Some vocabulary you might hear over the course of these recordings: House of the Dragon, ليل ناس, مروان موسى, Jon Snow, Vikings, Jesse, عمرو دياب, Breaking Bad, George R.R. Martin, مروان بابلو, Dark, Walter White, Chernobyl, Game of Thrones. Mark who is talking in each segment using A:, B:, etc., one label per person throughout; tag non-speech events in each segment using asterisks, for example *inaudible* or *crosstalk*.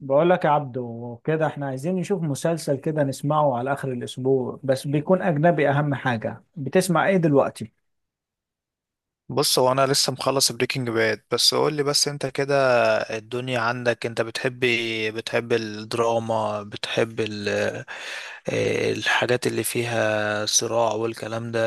A: بقول لك يا عبدو كده احنا عايزين نشوف مسلسل كده نسمعه على اخر الاسبوع، بس بيكون اجنبي. اهم حاجة، بتسمع ايه دلوقتي؟
B: بص، هو انا لسه مخلص بريكنج باد. بس قول لي بس انت كده، الدنيا عندك انت بتحب إيه؟ بتحب الدراما، بتحب إيه الحاجات اللي فيها صراع والكلام ده،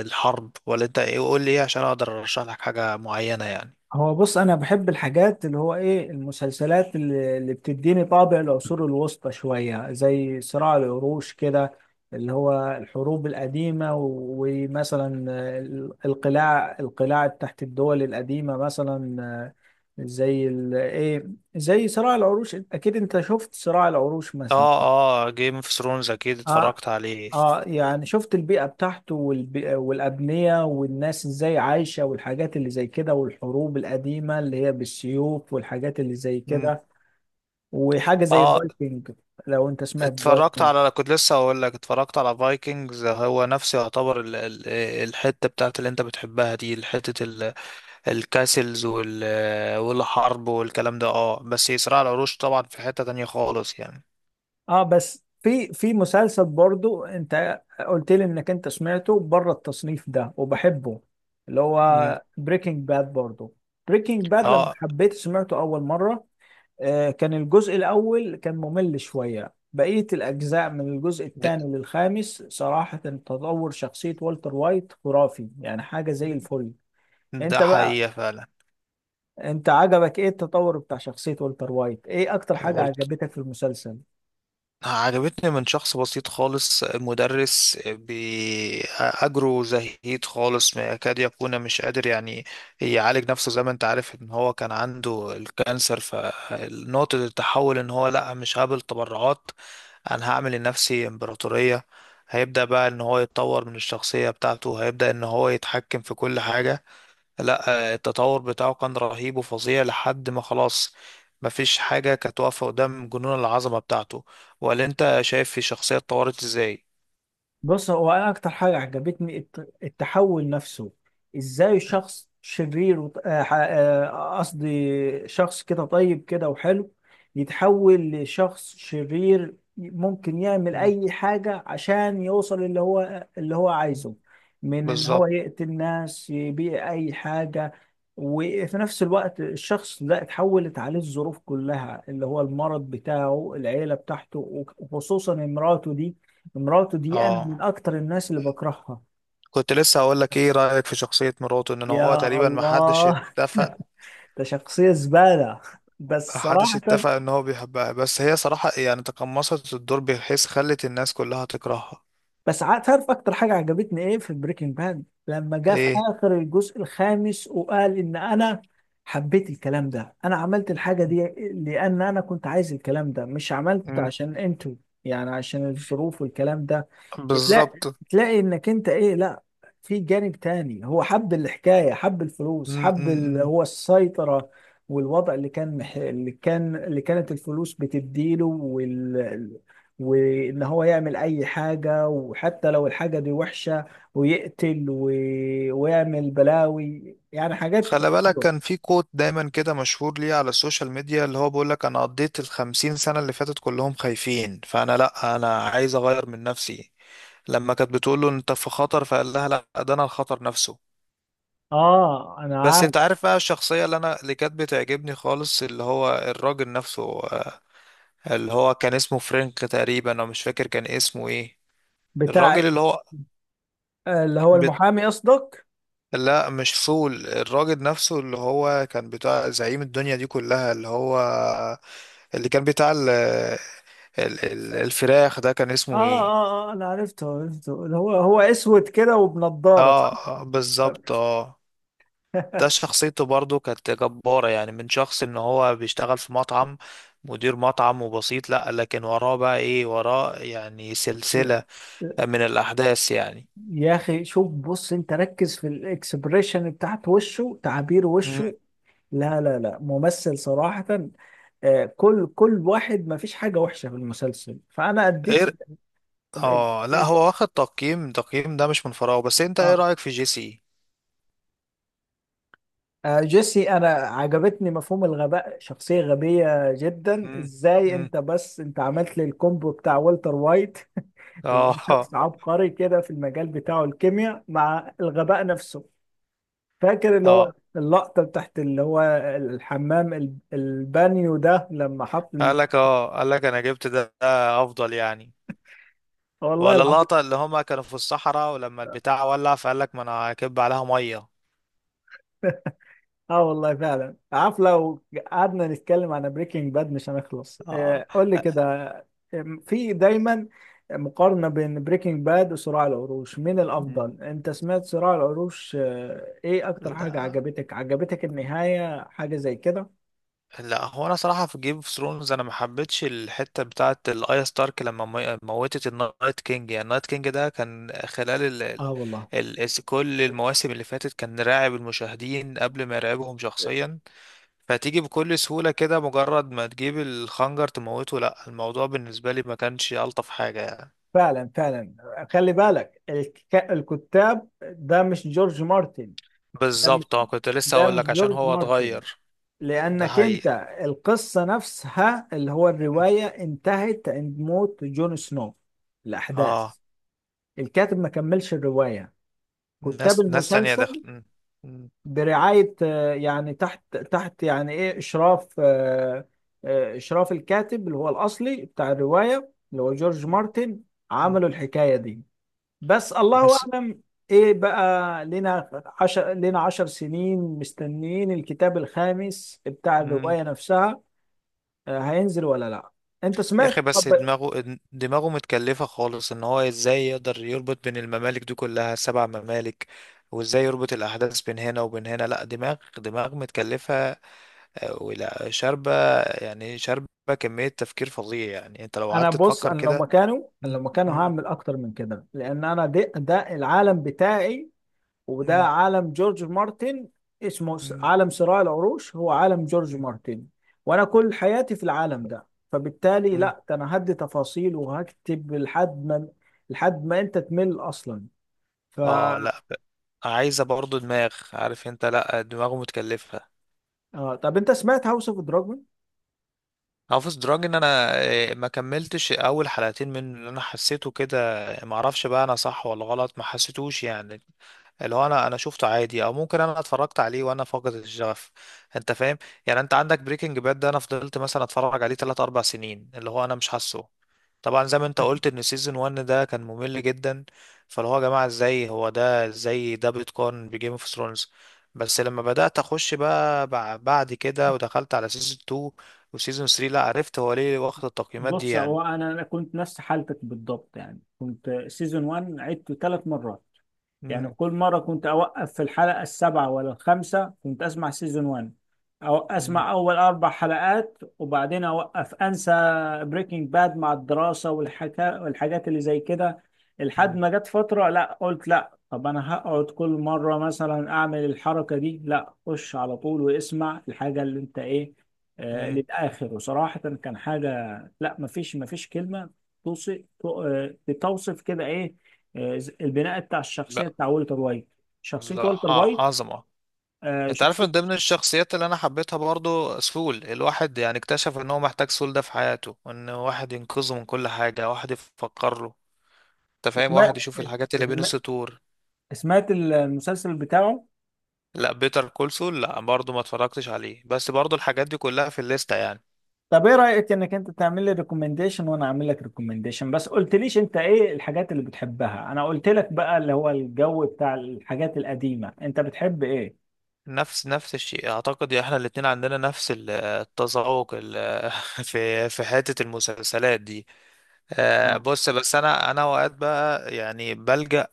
B: الحرب؟ ولا انت ايه؟ قول لي ايه عشان اقدر ارشح لك حاجة معينة يعني.
A: هو بص، انا بحب الحاجات اللي هو ايه، المسلسلات اللي بتديني طابع العصور الوسطى شوية، زي صراع العروش كده. اللي هو الحروب القديمة ومثلا القلاع، القلاع تحت الدول القديمة مثلا. آه، زي ال- ايه زي صراع العروش. اكيد انت شفت صراع العروش مثلا.
B: اه، اه جيم اوف ثرونز اكيد
A: اه،
B: اتفرجت عليه.
A: اه، يعني شفت البيئة بتاعته، والبيئة والأبنية والناس ازاي عايشة، والحاجات اللي زي كده، والحروب القديمة اللي هي بالسيوف والحاجات اللي زي
B: مم.
A: كده. وحاجة زي
B: اه،
A: الفايكنج. لو انت سمعت
B: اتفرجت
A: فايكنج.
B: على كنت لسه اقول لك اتفرجت على فايكنجز، هو نفسه يعتبر الحتة بتاعت اللي انت بتحبها دي، الحتة الكاسلز والحرب والكلام ده. اه بس صراع العروش طبعا في حتة تانية خالص يعني.
A: اه، بس في مسلسل برضو انت قلت لي انك انت سمعته بره التصنيف ده وبحبه، اللي
B: مم.
A: هو بريكنج باد برضو. بريكنج باد لما
B: اه،
A: حبيت سمعته اول مرة، كان الجزء الأول كان ممل شوية. بقية الأجزاء من الجزء
B: ده,
A: الثاني للخامس، صراحة تطور شخصية والتر وايت خرافي، يعني حاجة زي الفل.
B: ده
A: أنت بقى،
B: حقيقة فعلا.
A: أنت عجبك إيه التطور بتاع شخصية والتر وايت؟ إيه أكتر حاجة
B: قلت
A: عجبتك في المسلسل؟
B: عجبتني من شخص بسيط خالص، مدرس بأجره زهيد خالص، ما يكاد يكون مش قادر يعني يعالج نفسه، زي ما انت عارف ان هو كان عنده الكانسر. فنقطة التحول ان هو لا مش هقبل تبرعات، انا هعمل لنفسي امبراطورية. هيبدأ بقى ان هو يتطور من الشخصية بتاعته، هيبدأ ان هو يتحكم في كل حاجة. لا، التطور بتاعه كان رهيب وفظيع لحد ما خلاص مفيش حاجة كانت واقفة قدام جنون العظمة بتاعته. ولا انت شايف الشخصية اتطورت ازاي؟
A: بص، هو انا اكتر حاجه عجبتني التحول نفسه. ازاي شخص شرير وط- آه، ح- آه، قصدي شخص كده طيب كده وحلو، يتحول لشخص شرير ممكن يعمل
B: مم.
A: اي حاجه عشان يوصل اللي هو عايزه. من ان هو
B: بالظبط.
A: يقتل ناس، يبيع اي حاجه. وفي نفس الوقت، الشخص ده اتحولت عليه الظروف كلها، اللي هو المرض بتاعه، العيله بتاعته، وخصوصا مراته دي. مراته دي انا من
B: اه
A: اكتر الناس اللي بكرهها.
B: كنت لسه هقول لك ايه
A: شخص،
B: رأيك في شخصية مراته، ان هو
A: يا
B: تقريبا ما حدش
A: الله.
B: اتفق،
A: *laughs* ده شخصية زبالة، بس
B: محدش اتفق
A: صراحة.
B: ان هو بيحبها، بس هي صراحة يعني تقمصت الدور بحيث خلت الناس كلها تكرهها.
A: تعرف اكتر حاجه عجبتني ايه في بريكنج باد؟ لما جه في
B: ايه.
A: اخر الجزء الخامس وقال ان انا حبيت الكلام ده، انا عملت الحاجه دي لان انا كنت عايز الكلام ده، مش عملت
B: مم.
A: عشان انتوا. يعني عشان الظروف والكلام ده. تلاقي،
B: بالظبط.
A: تلاقي انك انت ايه، لا في جانب تاني، هو حب الحكايه، حب الفلوس،
B: مم،
A: حب
B: مم، مم.
A: هو السيطره، والوضع اللي كان اللي كانت الفلوس بتديله، وان هو يعمل اي حاجة، وحتى لو الحاجة دي وحشة، ويقتل و... ويعمل بلاوي، يعني حاجات.
B: خلي بالك
A: حلوة.
B: كان في كوت دايما كده مشهور ليه على السوشيال ميديا، اللي هو بيقولك انا قضيت 50 سنة اللي فاتت كلهم خايفين، فانا لا انا عايز اغير من نفسي. لما كانت بتقوله انت في خطر فقال لها لا، ده انا الخطر نفسه.
A: اه، انا
B: بس
A: عارف.
B: انت عارف بقى الشخصية اللي انا اللي كانت بتعجبني خالص، اللي هو الراجل نفسه، اللي هو كان اسمه فرانك تقريبا، انا مش فاكر كان اسمه ايه.
A: بتاع،
B: الراجل اللي هو
A: اللي هو المحامي قصدك.
B: لا مش فول، الراجل نفسه اللي هو كان بتاع زعيم الدنيا دي كلها، اللي هو اللي كان بتاع ال ال ال الفراخ، ده كان
A: اه،
B: اسمه ايه؟
A: اه، اه، انا عرفته، عرفته. اللي هو هو اسود كده وبنضارة، صح؟
B: اه، بالظبط اه. ده
A: *laughs*
B: شخصيته برضو كانت جبارة يعني، من شخص ان هو بيشتغل في مطعم، مدير مطعم وبسيط، لا لكن وراه بقى ايه؟ وراه يعني سلسلة
A: لا،
B: من الأحداث يعني.
A: يا اخي شوف، بص انت ركز في الاكسبريشن بتاعت وشه، تعابير
B: مم.
A: وشه. لا، لا، لا، ممثل صراحة. كل واحد، ما فيش حاجة وحشة في المسلسل، فأنا أديت.
B: ايه. اه لا، هو واخد تقييم، تقييم ده مش من فراغ. بس انت ايه
A: آه.
B: رأيك في جيسي؟
A: جيسي أنا عجبتني مفهوم الغباء، شخصية غبية جدا.
B: مم.
A: إزاي
B: مم.
A: أنت، بس أنت عملت لي الكومبو بتاع والتر وايت. *laughs* اللي هو
B: اه،
A: شخص عبقري كده في المجال بتاعه، الكيمياء مع الغباء نفسه. فاكر اللي هو
B: اه
A: اللقطة بتاعت، اللي هو الحمام، البانيو ده، لما حط
B: قال لك انا جبت ده ده افضل يعني.
A: والله
B: ولا
A: العظيم.
B: اللقطة اللي هما كانوا في الصحراء ولما البتاع ولع، فقال لك ما انا هكب عليها مية.
A: *laughs* اه، والله فعلا. عارف، لو قعدنا نتكلم عن بريكنج باد مش هنخلص.
B: اه.
A: قول لي كده، في دايما مقارنة بين بريكنج باد وصراع العروش، مين
B: مم.
A: الأفضل؟ أنت سمعت صراع العروش، إيه أكتر حاجة
B: لا،
A: عجبتك؟ عجبتك النهاية، حاجة زي كده؟
B: لا هو انا صراحة في جيم اوف ثرونز انا ما حبيتش الحتة بتاعت الايا ستارك، لما موتت النايت كينج. يعني النايت كينج ده كان خلال
A: اه، والله
B: كل المواسم اللي فاتت كان راعب المشاهدين قبل ما يراقبهم شخصيا. فتيجي بكل سهولة كده، مجرد ما تجيب الخنجر تموته؟ لا الموضوع بالنسبة لي ما كانش ألطف حاجة يعني.
A: فعلا، فعلا. خلي بالك، الكتاب ده مش جورج مارتن. ده
B: بالظبط.
A: مش
B: اه كنت لسه
A: ده
B: أقول
A: مش
B: لك عشان
A: جورج
B: هو
A: مارتن.
B: اتغير، ده
A: لأنك أنت،
B: حقيقة.
A: القصة نفسها، اللي هو
B: م.
A: الرواية، انتهت عند موت جون سنو.
B: اه.
A: الأحداث، الكاتب ما كملش الرواية. كتاب
B: ناس تانية دخل.
A: المسلسل
B: م. م.
A: برعاية، يعني تحت، تحت يعني إيه إشراف آه، آه، إشراف الكاتب اللي هو الأصلي بتاع الرواية، اللي هو جورج
B: م.
A: مارتن.
B: م.
A: عملوا الحكاية دي، بس الله
B: بس
A: اعلم. ايه بقى، لنا لنا 10 سنين مستنيين الكتاب الخامس بتاع
B: م.
A: الرواية نفسها، هينزل ولا لا. انت
B: يا أخي
A: سمعت؟
B: بس
A: طب
B: دماغه دماغه متكلفة خالص، إن هو إزاي يقدر يربط بين الممالك دي كلها، 7 ممالك. وإزاي يربط الأحداث بين هنا وبين هنا. لا دماغ دماغ متكلفة، ولا شاربة يعني، شاربة كمية تفكير فظيع يعني. انت لو
A: انا
B: قعدت
A: بص،
B: تفكر كده.
A: انا لو
B: مم،
A: مكانه
B: مم،
A: هعمل اكتر من كده، لان انا ده العالم بتاعي، وده
B: مم،
A: عالم جورج مارتن. اسمه
B: مم،
A: عالم صراع العروش هو عالم جورج
B: مم،
A: مارتن، وانا كل حياتي في العالم ده. فبالتالي
B: مم.
A: لا، ده انا هدي تفاصيل وهكتب لحد ما، لحد ما انت تمل اصلا. ف،
B: اه لا، عايزة برضو دماغ، عارف انت، لا دماغه متكلفة.
A: آه، طب انت سمعت هاوس اوف دراجون؟
B: هافس دراج ان انا ما كملتش اول حلقتين، من اللي انا حسيته كده ما اعرفش بقى انا صح ولا غلط، ما حسيتوش يعني. اللي هو انا شفته عادي، او ممكن انا اتفرجت عليه وانا فاقد الشغف، انت فاهم؟ يعني انت عندك بريكنج باد ده انا فضلت مثلا اتفرج عليه 3 4 سنين، اللي هو انا مش حاسه. طبعا زي ما انت قلت ان سيزون 1 ده كان ممل جدا. فاللي هو يا جماعه، ازاي هو ده ازاي ده بيتقارن بجيم اوف ثرونز؟ بس لما بدات اخش بقى بعد كده ودخلت على سيزون 2 وسيزون 3، لا عرفت هو ليه واخد التقييمات دي
A: بص
B: يعني.
A: هو انا كنت نفس حالتك بالضبط. يعني كنت سيزون 1 عدته 3 مرات. يعني
B: امم
A: كل مرة كنت أوقف في الحلقة السابعة ولا الخامسة، كنت أسمع سيزون 1 أو أسمع أول 4 حلقات وبعدين أوقف أنسى بريكنج باد مع الدراسة والحكا والحاجات اللي زي كده. لحد
B: امم
A: ما جت فترة، لا قلت لا، طب أنا هقعد كل مرة مثلا أعمل الحركة دي، لا خش على طول واسمع الحاجة اللي أنت إيه،
B: امم
A: للآخر. وصراحة كان حاجة، لا مفيش كلمة توصف، توصف كده إيه. البناء بتاع
B: لا،
A: الشخصيه بتاع والتر وايت، شخصيه
B: لا
A: والتر وايت،
B: عظمه. انت عارف
A: شخصيه.
B: من ضمن الشخصيات اللي انا حبيتها برضو سول، الواحد يعني اكتشف ان هو محتاج سول ده في حياته، ان واحد ينقذه من كل حاجة، واحد يفكر له، انت فاهم؟
A: اسمها
B: واحد يشوف الحاجات اللي بين
A: اسمها-
B: السطور.
A: سمعت المسلسل بتاعه؟
B: لا بيتر كول سول، لا برضو ما اتفرجتش عليه، بس برضو الحاجات دي كلها في الليستة يعني.
A: طب ايه رايك انك انت تعمل لي ريكومنديشن وانا اعمل لك ريكومنديشن؟ بس قلتليش انت ايه الحاجات اللي بتحبها. انا قلت لك بقى اللي هو الجو بتاع الحاجات القديمه، انت بتحب ايه؟
B: نفس الشيء اعتقد، احنا الاتنين عندنا نفس التذوق *laughs* في في حتة المسلسلات دي.
A: اه،
B: بص بس انا اوقات بقى يعني بلجأ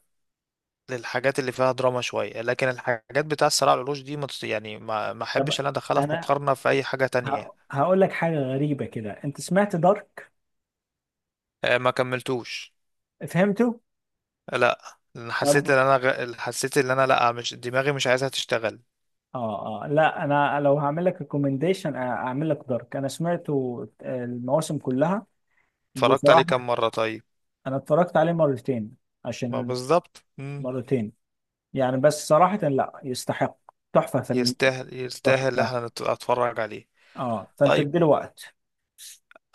B: للحاجات اللي فيها دراما شوية، لكن الحاجات بتاع الصراع على العروش دي ما يعني ما احبش
A: طب
B: ان انا ادخلها في
A: انا
B: مقارنة في اي حاجة تانية.
A: هقول لك حاجه غريبه كده. انت سمعت دارك؟
B: ما كملتوش.
A: فهمته.
B: لا، لأن حسيت
A: طب،
B: ان انا حسيت ان انا لا مش دماغي مش عايزها تشتغل.
A: اه، اه، لا انا لو هعمل لك ريكومنديشن اعمل لك دارك. انا سمعته، المواسم كلها.
B: اتفرجت عليه
A: بصراحه
B: كام مرة طيب؟
A: انا اتفرجت عليه مرتين.
B: ما
A: عشان
B: بالظبط. مم.
A: مرتين يعني بس صراحه لا، يستحق، تحفه فنيه،
B: يستاهل، يستاهل
A: تحفه.
B: احنا اتفرج عليه.
A: اه، فانت
B: طيب
A: اديله وقت.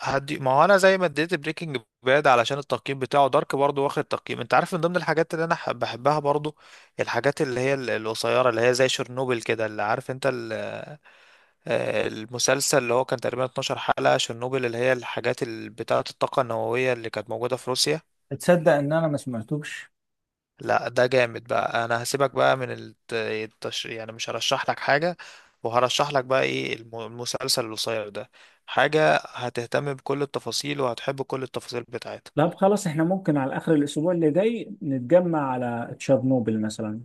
B: هدي، ما هو انا زي ما اديت بريكنج باد علشان التقييم بتاعه، دارك برضو واخد تقييم. انت عارف من ضمن الحاجات اللي انا بحبها برضو الحاجات اللي هي القصيرة، اللي هي زي شرنوبل كده، اللي عارف انت، المسلسل اللي هو كان تقريبا 12 حلقة، شيرنوبل اللي هي الحاجات بتاعة الطاقة النووية اللي كانت موجودة في روسيا.
A: تصدق ان انا ما سمعتوش؟
B: لا ده جامد بقى، انا هسيبك بقى من يعني مش هرشح لك حاجة، وهرشح لك بقى ايه، المسلسل القصير ده، حاجة هتهتم بكل التفاصيل وهتحب كل التفاصيل بتاعتها.
A: طب خلاص، احنا ممكن على اخر الاسبوع اللي جاي نتجمع على تشيرنوبل مثلا،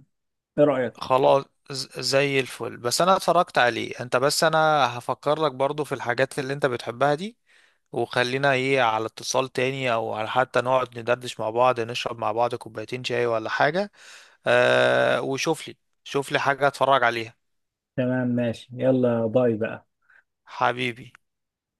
A: ايه رأيك؟
B: خلاص. زي الفل. بس انا اتفرجت عليه انت، بس انا هفكر لك برضو في الحاجات اللي انت بتحبها دي. وخلينا ايه على اتصال تاني، او على حتى نقعد ندردش مع بعض، نشرب مع بعض كوبايتين شاي ولا حاجة. وشوف لي، شوف لي حاجة اتفرج عليها.
A: تمام، ماشي، يلا باي بقى.
B: حبيبي.